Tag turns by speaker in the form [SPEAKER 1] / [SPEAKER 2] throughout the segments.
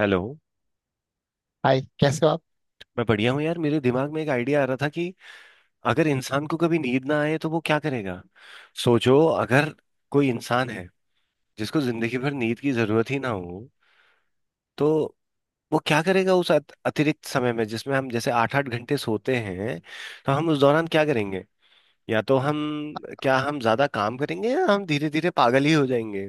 [SPEAKER 1] Hello.
[SPEAKER 2] Hi, कैसे हो आप?
[SPEAKER 1] मैं बढ़िया हूँ यार। मेरे दिमाग में एक आइडिया आ रहा था कि अगर इंसान को कभी नींद ना आए तो वो क्या करेगा। सोचो, अगर कोई इंसान है जिसको जिंदगी भर नींद की जरूरत ही ना हो तो वो क्या करेगा उस अतिरिक्त समय में जिसमें हम जैसे 8-8 घंटे सोते हैं। तो हम उस दौरान क्या करेंगे? या तो हम क्या हम ज्यादा काम करेंगे या हम धीरे धीरे पागल ही हो जाएंगे?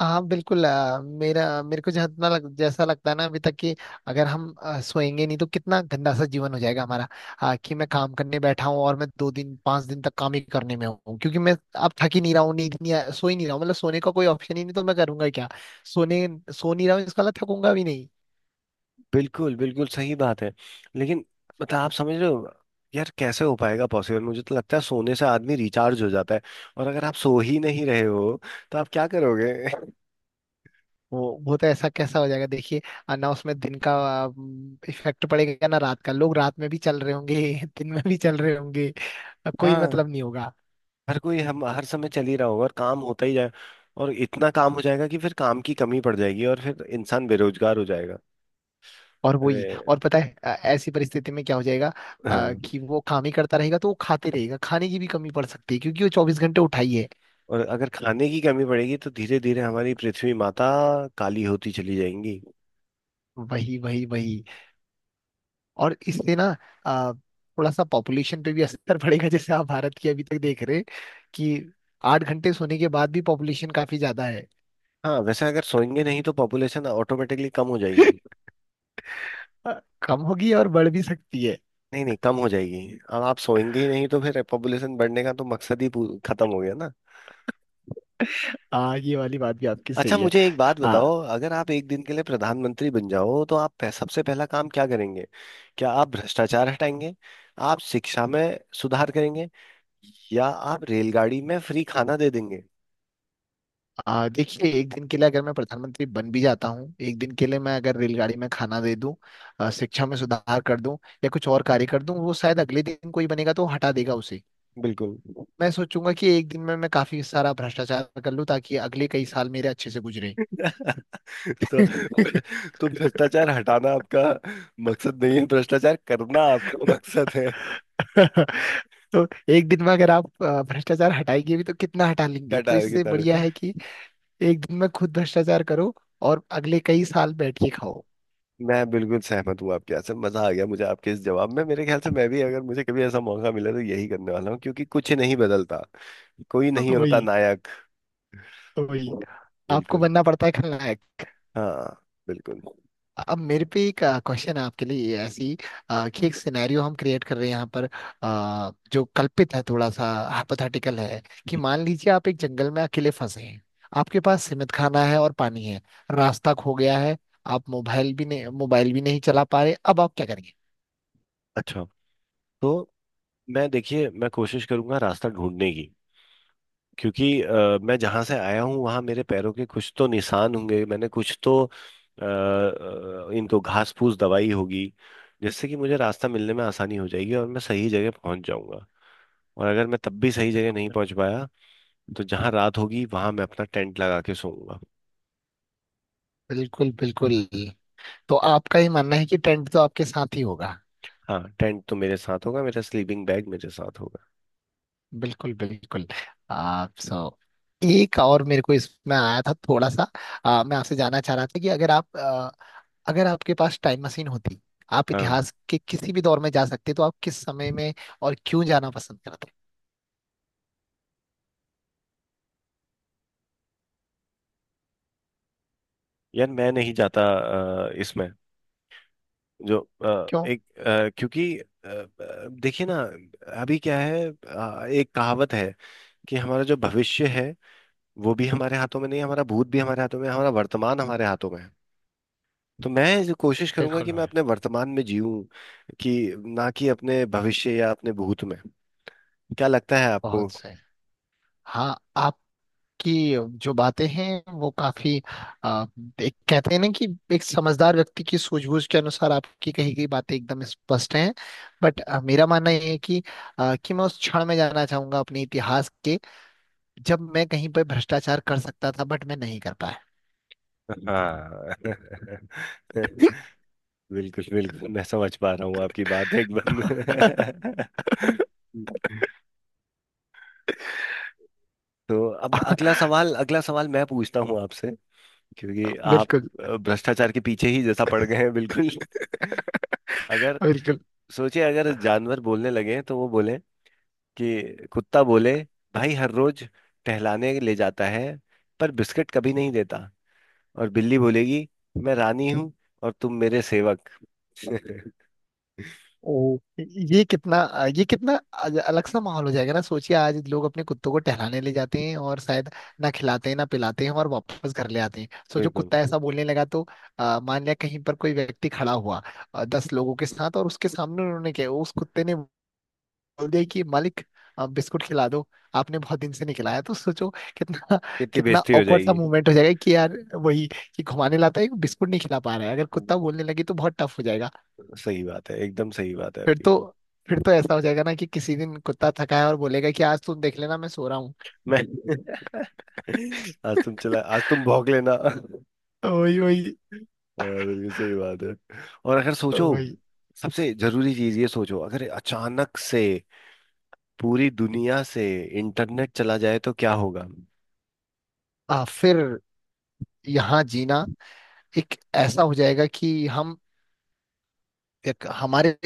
[SPEAKER 2] हाँ, बिल्कुल। मेरा मेरे को जितना जैसा लगता है ना अभी तक कि अगर हम सोएंगे नहीं तो कितना गंदा सा जीवन हो जाएगा हमारा। कि मैं काम करने बैठा हूँ और मैं 2 दिन 5 दिन तक काम ही करने में हूँ, क्योंकि मैं अब थक ही नहीं रहा हूँ, नींद नहीं सो ही नहीं रहा हूँ, मतलब सोने का कोई ऑप्शन ही नहीं, तो मैं करूंगा क्या? सोने सो नहीं रहा हूँ, इसका मतलब थकूंगा भी नहीं।
[SPEAKER 1] बिल्कुल बिल्कुल सही बात है। लेकिन मतलब आप समझ रहे हो? यार कैसे हो पाएगा पॉसिबल? मुझे तो लगता है सोने से आदमी रिचार्ज हो जाता है। और अगर आप सो ही नहीं रहे हो तो आप क्या करोगे?
[SPEAKER 2] वो तो ऐसा कैसा हो जाएगा, देखिए। ना उसमें दिन का इफेक्ट पड़ेगा ना रात का, लोग रात में भी चल रहे होंगे दिन में भी चल रहे होंगे। कोई
[SPEAKER 1] हाँ,
[SPEAKER 2] मतलब नहीं होगा।
[SPEAKER 1] हर कोई हम हर समय चल ही रहा होगा और काम होता ही जाए। और इतना काम हो जाएगा कि फिर काम की कमी पड़ जाएगी और फिर इंसान बेरोजगार हो जाएगा।
[SPEAKER 2] और वही।
[SPEAKER 1] अरे,
[SPEAKER 2] और पता है, ऐसी परिस्थिति में क्या हो जाएगा?
[SPEAKER 1] हाँ।
[SPEAKER 2] कि वो काम ही करता रहेगा तो वो खाते रहेगा, खाने की भी कमी पड़ सकती है, क्योंकि वो 24 घंटे उठाई है।
[SPEAKER 1] और अगर खाने की कमी पड़ेगी तो धीरे धीरे हमारी पृथ्वी माता काली होती चली जाएंगी।
[SPEAKER 2] वही, वही, वही। और इससे ना अ, थोड़ा सा पॉपुलेशन पे भी असर पड़ेगा, जैसे आप भारत की अभी तक देख रहे हैं, कि 8 घंटे सोने के बाद भी पॉपुलेशन काफी ज्यादा है।
[SPEAKER 1] हाँ, वैसे अगर सोएंगे नहीं तो पॉपुलेशन ऑटोमेटिकली कम हो जाएगी।
[SPEAKER 2] अ, कम होगी और बढ़ भी सकती है।
[SPEAKER 1] नहीं नहीं, कम हो जाएगी। अब आप सोएंगे ही नहीं तो फिर पॉपुलेशन बढ़ने का तो मकसद ही खत्म हो गया ना।
[SPEAKER 2] हाँ, ये वाली बात भी आपकी
[SPEAKER 1] अच्छा,
[SPEAKER 2] सही है।
[SPEAKER 1] मुझे एक बात बताओ।
[SPEAKER 2] हाँ।
[SPEAKER 1] अगर आप एक दिन के लिए प्रधानमंत्री बन जाओ तो आप सबसे पहला काम क्या करेंगे? क्या आप भ्रष्टाचार हटाएंगे? आप शिक्षा में सुधार करेंगे? या आप रेलगाड़ी में फ्री खाना दे देंगे?
[SPEAKER 2] देखिए, एक दिन के लिए अगर मैं प्रधानमंत्री बन भी जाता हूँ, एक दिन के लिए मैं अगर रेलगाड़ी में खाना दे दूं, शिक्षा में सुधार कर दूं या कुछ और कार्य कर दूं, वो शायद अगले दिन कोई बनेगा तो हटा देगा उसे।
[SPEAKER 1] बिल्कुल।
[SPEAKER 2] मैं सोचूंगा कि एक दिन में मैं काफी सारा भ्रष्टाचार कर लूं, ताकि अगले कई साल मेरे अच्छे से गुजरे।
[SPEAKER 1] तो तो भ्रष्टाचार हटाना आपका मकसद नहीं है, भ्रष्टाचार करना आपका मकसद है।
[SPEAKER 2] तो एक दिन में अगर आप भ्रष्टाचार हटाएंगे भी तो कितना हटा लेंगे,
[SPEAKER 1] क्या
[SPEAKER 2] तो
[SPEAKER 1] टायर की
[SPEAKER 2] इससे बढ़िया
[SPEAKER 1] तरह?
[SPEAKER 2] है कि एक दिन में खुद भ्रष्टाचार करो और अगले कई साल बैठ के खाओ।
[SPEAKER 1] मैं बिल्कुल सहमत हूँ आपके। यहाँ से मजा आ गया मुझे आपके इस जवाब में। मेरे ख्याल से मैं भी अगर मुझे कभी ऐसा मौका मिला तो यही करने वाला हूँ क्योंकि कुछ नहीं बदलता। कोई नहीं होता
[SPEAKER 2] वही,
[SPEAKER 1] नायक।
[SPEAKER 2] वही। आपको
[SPEAKER 1] बिल्कुल।
[SPEAKER 2] बनना पड़ता है खलनायक।
[SPEAKER 1] हाँ, बिल्कुल।
[SPEAKER 2] अब मेरे पे एक क्वेश्चन है आपके लिए, ये ऐसी कि एक सिनेरियो हम क्रिएट कर रहे हैं यहाँ पर, जो कल्पित है थोड़ा सा, हाइपोथेटिकल है, कि मान लीजिए आप एक जंगल में अकेले फंसे हैं। आपके पास सीमित खाना है और पानी है। रास्ता खो गया है। आप मोबाइल भी नहीं चला पा रहे, अब आप क्या करेंगे?
[SPEAKER 1] अच्छा, तो मैं देखिए, मैं कोशिश करूंगा रास्ता ढूंढने की। क्योंकि मैं जहां से आया हूँ वहां मेरे पैरों के कुछ तो निशान होंगे। मैंने कुछ तो इनको घास फूस दवाई होगी, जिससे कि मुझे रास्ता मिलने में आसानी हो जाएगी और मैं सही जगह पहुंच जाऊंगा। और अगर मैं तब भी सही जगह नहीं पहुंच पाया तो जहां रात होगी वहां मैं अपना टेंट लगा के सोऊंगा।
[SPEAKER 2] बिल्कुल, बिल्कुल। तो आपका ये मानना है कि टेंट तो आपके साथ ही होगा।
[SPEAKER 1] हाँ, टेंट तो मेरे साथ होगा, मेरा स्लीपिंग बैग मेरे साथ होगा।
[SPEAKER 2] बिल्कुल, बिल्कुल। आप एक और मेरे को इसमें आया था थोड़ा सा। मैं आपसे जानना चाह रहा था कि अगर आप अगर आपके पास टाइम मशीन होती, आप
[SPEAKER 1] हाँ,
[SPEAKER 2] इतिहास के किसी भी दौर में जा सकते, तो आप किस समय में और क्यों जाना पसंद करते?
[SPEAKER 1] यार मैं नहीं जाता। इसमें जो,
[SPEAKER 2] क्यों?
[SPEAKER 1] एक, क्योंकि, देखिए ना। अभी क्या है? एक कहावत है कि हमारा जो भविष्य है वो भी हमारे हाथों में नहीं, हमारा भूत भी हमारे हाथों में, हमारा वर्तमान हमारे हाथों में है। तो मैं जो कोशिश करूंगा
[SPEAKER 2] बिल्कुल,
[SPEAKER 1] कि मैं
[SPEAKER 2] भाई।
[SPEAKER 1] अपने वर्तमान में जीऊं। कि ना कि अपने भविष्य या अपने भूत में। क्या लगता है आपको?
[SPEAKER 2] बहुत सही। हाँ, आप कि जो बातें हैं वो काफी आ, एक कहते हैं ना कि एक समझदार व्यक्ति की सूझबूझ के अनुसार आपकी कही गई बातें एकदम स्पष्ट हैं। बट मेरा मानना ये है कि मैं उस क्षण में जाना चाहूंगा अपने इतिहास के, जब मैं कहीं पर भ्रष्टाचार कर सकता था, बट मैं नहीं कर पाया।
[SPEAKER 1] हाँ। बिल्कुल बिल्कुल, मैं समझ पा रहा हूँ आपकी बात एकदम। तो अब अगला सवाल, अगला सवाल मैं पूछता हूँ आपसे, क्योंकि आप
[SPEAKER 2] बिल्कुल,
[SPEAKER 1] भ्रष्टाचार के पीछे ही जैसा पड़ गए हैं बिल्कुल। अगर
[SPEAKER 2] बिल्कुल।
[SPEAKER 1] सोचिए, अगर जानवर बोलने लगे तो वो बोले कि कुत्ता बोले, भाई हर रोज टहलाने ले जाता है पर बिस्किट कभी नहीं देता। और बिल्ली बोलेगी, मैं रानी हूँ और तुम मेरे सेवक।
[SPEAKER 2] ओ, ये कितना अलग सा माहौल हो जाएगा ना। सोचिए, आज लोग अपने कुत्तों को टहलाने ले जाते हैं और शायद ना खिलाते हैं ना पिलाते हैं और वापस घर ले आते हैं, सो जो
[SPEAKER 1] बिल्कुल।
[SPEAKER 2] कुत्ता ऐसा बोलने लगा तो। मान लिया कहीं पर कोई व्यक्ति खड़ा हुआ 10 लोगों के साथ, और उसके सामने उन्होंने क्या, उस कुत्ते ने बोल दिया कि मालिक, बिस्कुट खिला दो, आपने बहुत दिन से नहीं खिलाया, तो सोचो कितना,
[SPEAKER 1] कितनी
[SPEAKER 2] कितना
[SPEAKER 1] बेइज्जती हो
[SPEAKER 2] awkward सा
[SPEAKER 1] जाएगी।
[SPEAKER 2] मोमेंट हो जाएगा कि यार वही, कि घुमाने लाता है, बिस्कुट नहीं खिला पा रहा है, अगर कुत्ता
[SPEAKER 1] हम्म,
[SPEAKER 2] बोलने लगे तो बहुत टफ हो जाएगा।
[SPEAKER 1] सही बात है, एकदम सही बात है
[SPEAKER 2] फिर
[SPEAKER 1] आपकी।
[SPEAKER 2] तो फिर तो ऐसा हो जाएगा ना कि किसी दिन कुत्ता थका है और बोलेगा कि आज तुम देख लेना, मैं सो रहा हूँ।
[SPEAKER 1] मैं आज तुम भौंक लेना।
[SPEAKER 2] वही, वही,
[SPEAKER 1] हाँ, बिल्कुल सही बात है। और अगर सोचो
[SPEAKER 2] वही।
[SPEAKER 1] सबसे जरूरी चीज ये सोचो, अगर अचानक से पूरी दुनिया से इंटरनेट चला जाए तो क्या होगा?
[SPEAKER 2] फिर यहाँ जीना एक ऐसा हो जाएगा कि हम एक हमारे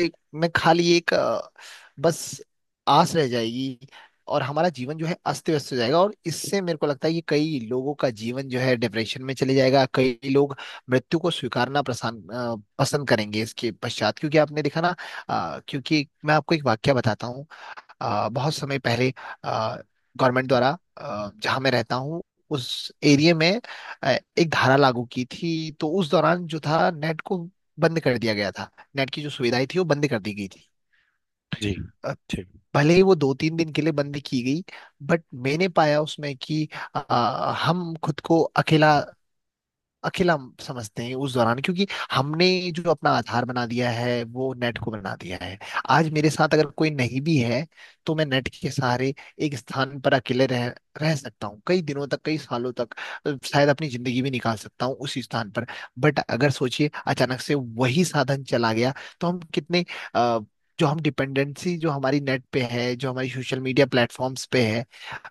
[SPEAKER 2] में खाली एक बस आस रह जाएगी। और हमारा जीवन जो है अस्त व्यस्त हो जाएगा, और इससे मेरे को लगता है कि कई लोगों का जीवन जो है डिप्रेशन में चले जाएगा, कई लोग मृत्यु को स्वीकारना पसंद पसंद करेंगे इसके पश्चात, क्योंकि आपने देखा ना। क्योंकि मैं आपको एक वाक्य बताता हूँ, बहुत समय पहले गवर्नमेंट द्वारा जहाँ मैं रहता हूँ उस एरिया में, अ, एक धारा लागू की थी, तो उस दौरान जो था नेट को बंद कर दिया गया था, नेट की जो सुविधाएं थी वो बंद कर दी गई थी।
[SPEAKER 1] जी।
[SPEAKER 2] अ,
[SPEAKER 1] ठीक।
[SPEAKER 2] भले ही वो 2-3 दिन के लिए बंद की गई, बट मैंने पाया उसमें कि अ, हम खुद को अकेला अकेला हम समझते हैं उस दौरान, क्योंकि हमने जो अपना आधार बना दिया है वो नेट को बना दिया है। आज मेरे साथ अगर कोई नहीं भी है, तो मैं नेट के सहारे एक स्थान पर अकेले रह रह सकता हूँ कई दिनों तक कई सालों तक। शायद अपनी जिंदगी भी निकाल सकता हूँ उसी स्थान पर। बट अगर सोचिए अचानक से वही साधन चला गया, तो हम कितने अ, जो हम डिपेंडेंसी, जो हमारी नेट पे है, जो हमारी सोशल मीडिया प्लेटफॉर्म्स पे है,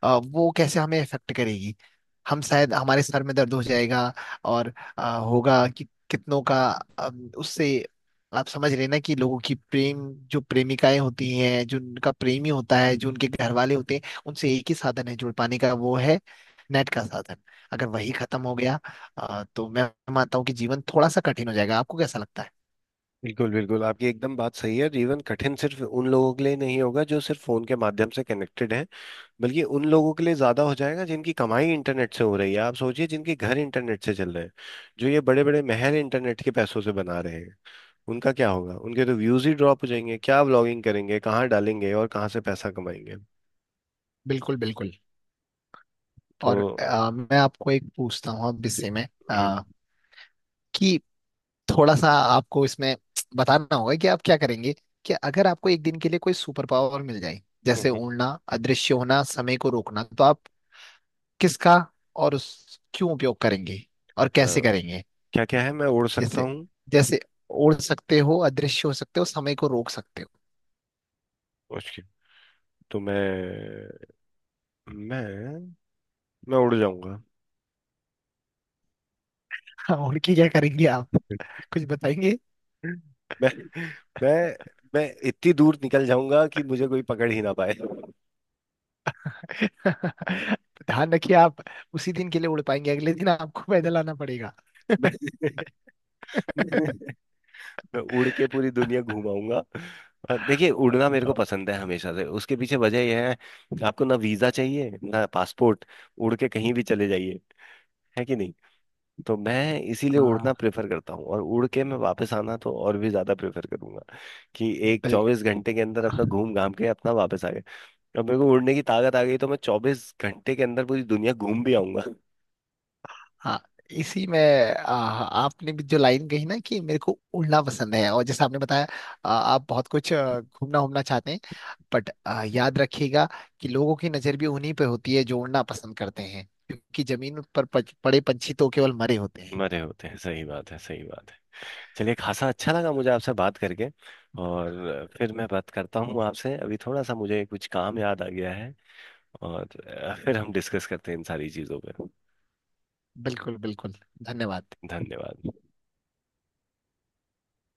[SPEAKER 2] वो कैसे हमें इफेक्ट करेगी। हम शायद हमारे सर में दर्द हो जाएगा। और होगा कि कितनों का, उससे आप समझ रहे ना कि लोगों की प्रेम, जो प्रेमिकाएं होती हैं, जो उनका प्रेमी होता है, जो उनके घर वाले होते हैं, उनसे एक ही साधन है जुड़ पाने का, वो है नेट का साधन। अगर वही खत्म हो गया, तो मैं मानता हूँ कि जीवन थोड़ा सा कठिन हो जाएगा। आपको कैसा लगता है?
[SPEAKER 1] बिल्कुल बिल्कुल, आपकी एकदम बात सही है। जीवन कठिन सिर्फ उन लोगों के लिए नहीं होगा जो सिर्फ फोन के माध्यम से कनेक्टेड हैं, बल्कि उन लोगों के लिए ज्यादा हो जाएगा जिनकी कमाई इंटरनेट से हो रही है। आप सोचिए, जिनके घर इंटरनेट से चल रहे हैं, जो ये बड़े बड़े महल इंटरनेट के पैसों से बना रहे हैं, उनका क्या होगा? उनके तो व्यूज ही ड्रॉप हो जाएंगे। क्या व्लॉगिंग करेंगे? कहाँ डालेंगे? और कहाँ से पैसा कमाएंगे?
[SPEAKER 2] बिल्कुल, बिल्कुल।
[SPEAKER 1] तो
[SPEAKER 2] और मैं आपको एक पूछता हूँ, अब इससे में
[SPEAKER 1] हम्म,
[SPEAKER 2] कि थोड़ा सा आपको इसमें बताना होगा कि आप क्या करेंगे, कि अगर आपको एक दिन के लिए कोई सुपर पावर मिल जाए, जैसे
[SPEAKER 1] हम्म,
[SPEAKER 2] उड़ना, अदृश्य होना, समय को रोकना, तो आप किसका और उस क्यों उपयोग करेंगे और
[SPEAKER 1] अ,
[SPEAKER 2] कैसे करेंगे?
[SPEAKER 1] क्या क्या है, मैं उड़ सकता
[SPEAKER 2] जैसे
[SPEAKER 1] हूँ?
[SPEAKER 2] जैसे उड़ सकते हो, अदृश्य हो सकते हो, समय को रोक सकते हो।
[SPEAKER 1] उसके तो मैं मैं उड़ जाऊंगा।
[SPEAKER 2] हाँ, उड़ के क्या करेंगे आप? कुछ बताएंगे?
[SPEAKER 1] मैं मैं मैं इतनी दूर निकल जाऊंगा कि मुझे कोई पकड़ ही ना पाए।
[SPEAKER 2] ध्यान रखिए, आप उसी दिन के लिए उड़ पाएंगे, अगले दिन आपको पैदल आना पड़ेगा।
[SPEAKER 1] मैं, मैं उड़ के पूरी दुनिया घुमाऊंगा। और देखिए, उड़ना मेरे को पसंद है हमेशा से। उसके पीछे वजह यह है, आपको ना वीजा चाहिए ना पासपोर्ट। उड़ के कहीं भी चले जाइए। है कि नहीं? तो मैं इसीलिए उड़ना
[SPEAKER 2] हाँ।
[SPEAKER 1] प्रेफर करता हूँ, और उड़ के मैं वापस आना तो और भी ज्यादा प्रेफर करूंगा। कि एक
[SPEAKER 2] बिल्कुल।
[SPEAKER 1] 24 घंटे के अंदर अपना घूम घाम के अपना वापस आ गए। अब मेरे को उड़ने की ताकत आ गई तो मैं 24 घंटे के अंदर पूरी दुनिया घूम भी आऊंगा।
[SPEAKER 2] हाँ। इसी में आपने भी जो लाइन कही ना कि मेरे को उड़ना पसंद है, और जैसे आपने बताया आप बहुत कुछ घूमना घूमना चाहते हैं। बट याद रखिएगा कि लोगों की नजर भी उन्हीं पे होती है जो उड़ना पसंद करते हैं, क्योंकि जमीन पर पड़े पंछी तो केवल मरे होते हैं।
[SPEAKER 1] मरे होते हैं, सही बात है, सही बात है। चलिए, खासा अच्छा लगा मुझे आपसे बात करके। और फिर मैं बात करता हूँ आपसे, अभी थोड़ा सा मुझे कुछ काम याद आ गया है। और फिर हम डिस्कस करते हैं इन सारी चीज़ों पर।
[SPEAKER 2] बिल्कुल, बिल्कुल। धन्यवाद।
[SPEAKER 1] धन्यवाद।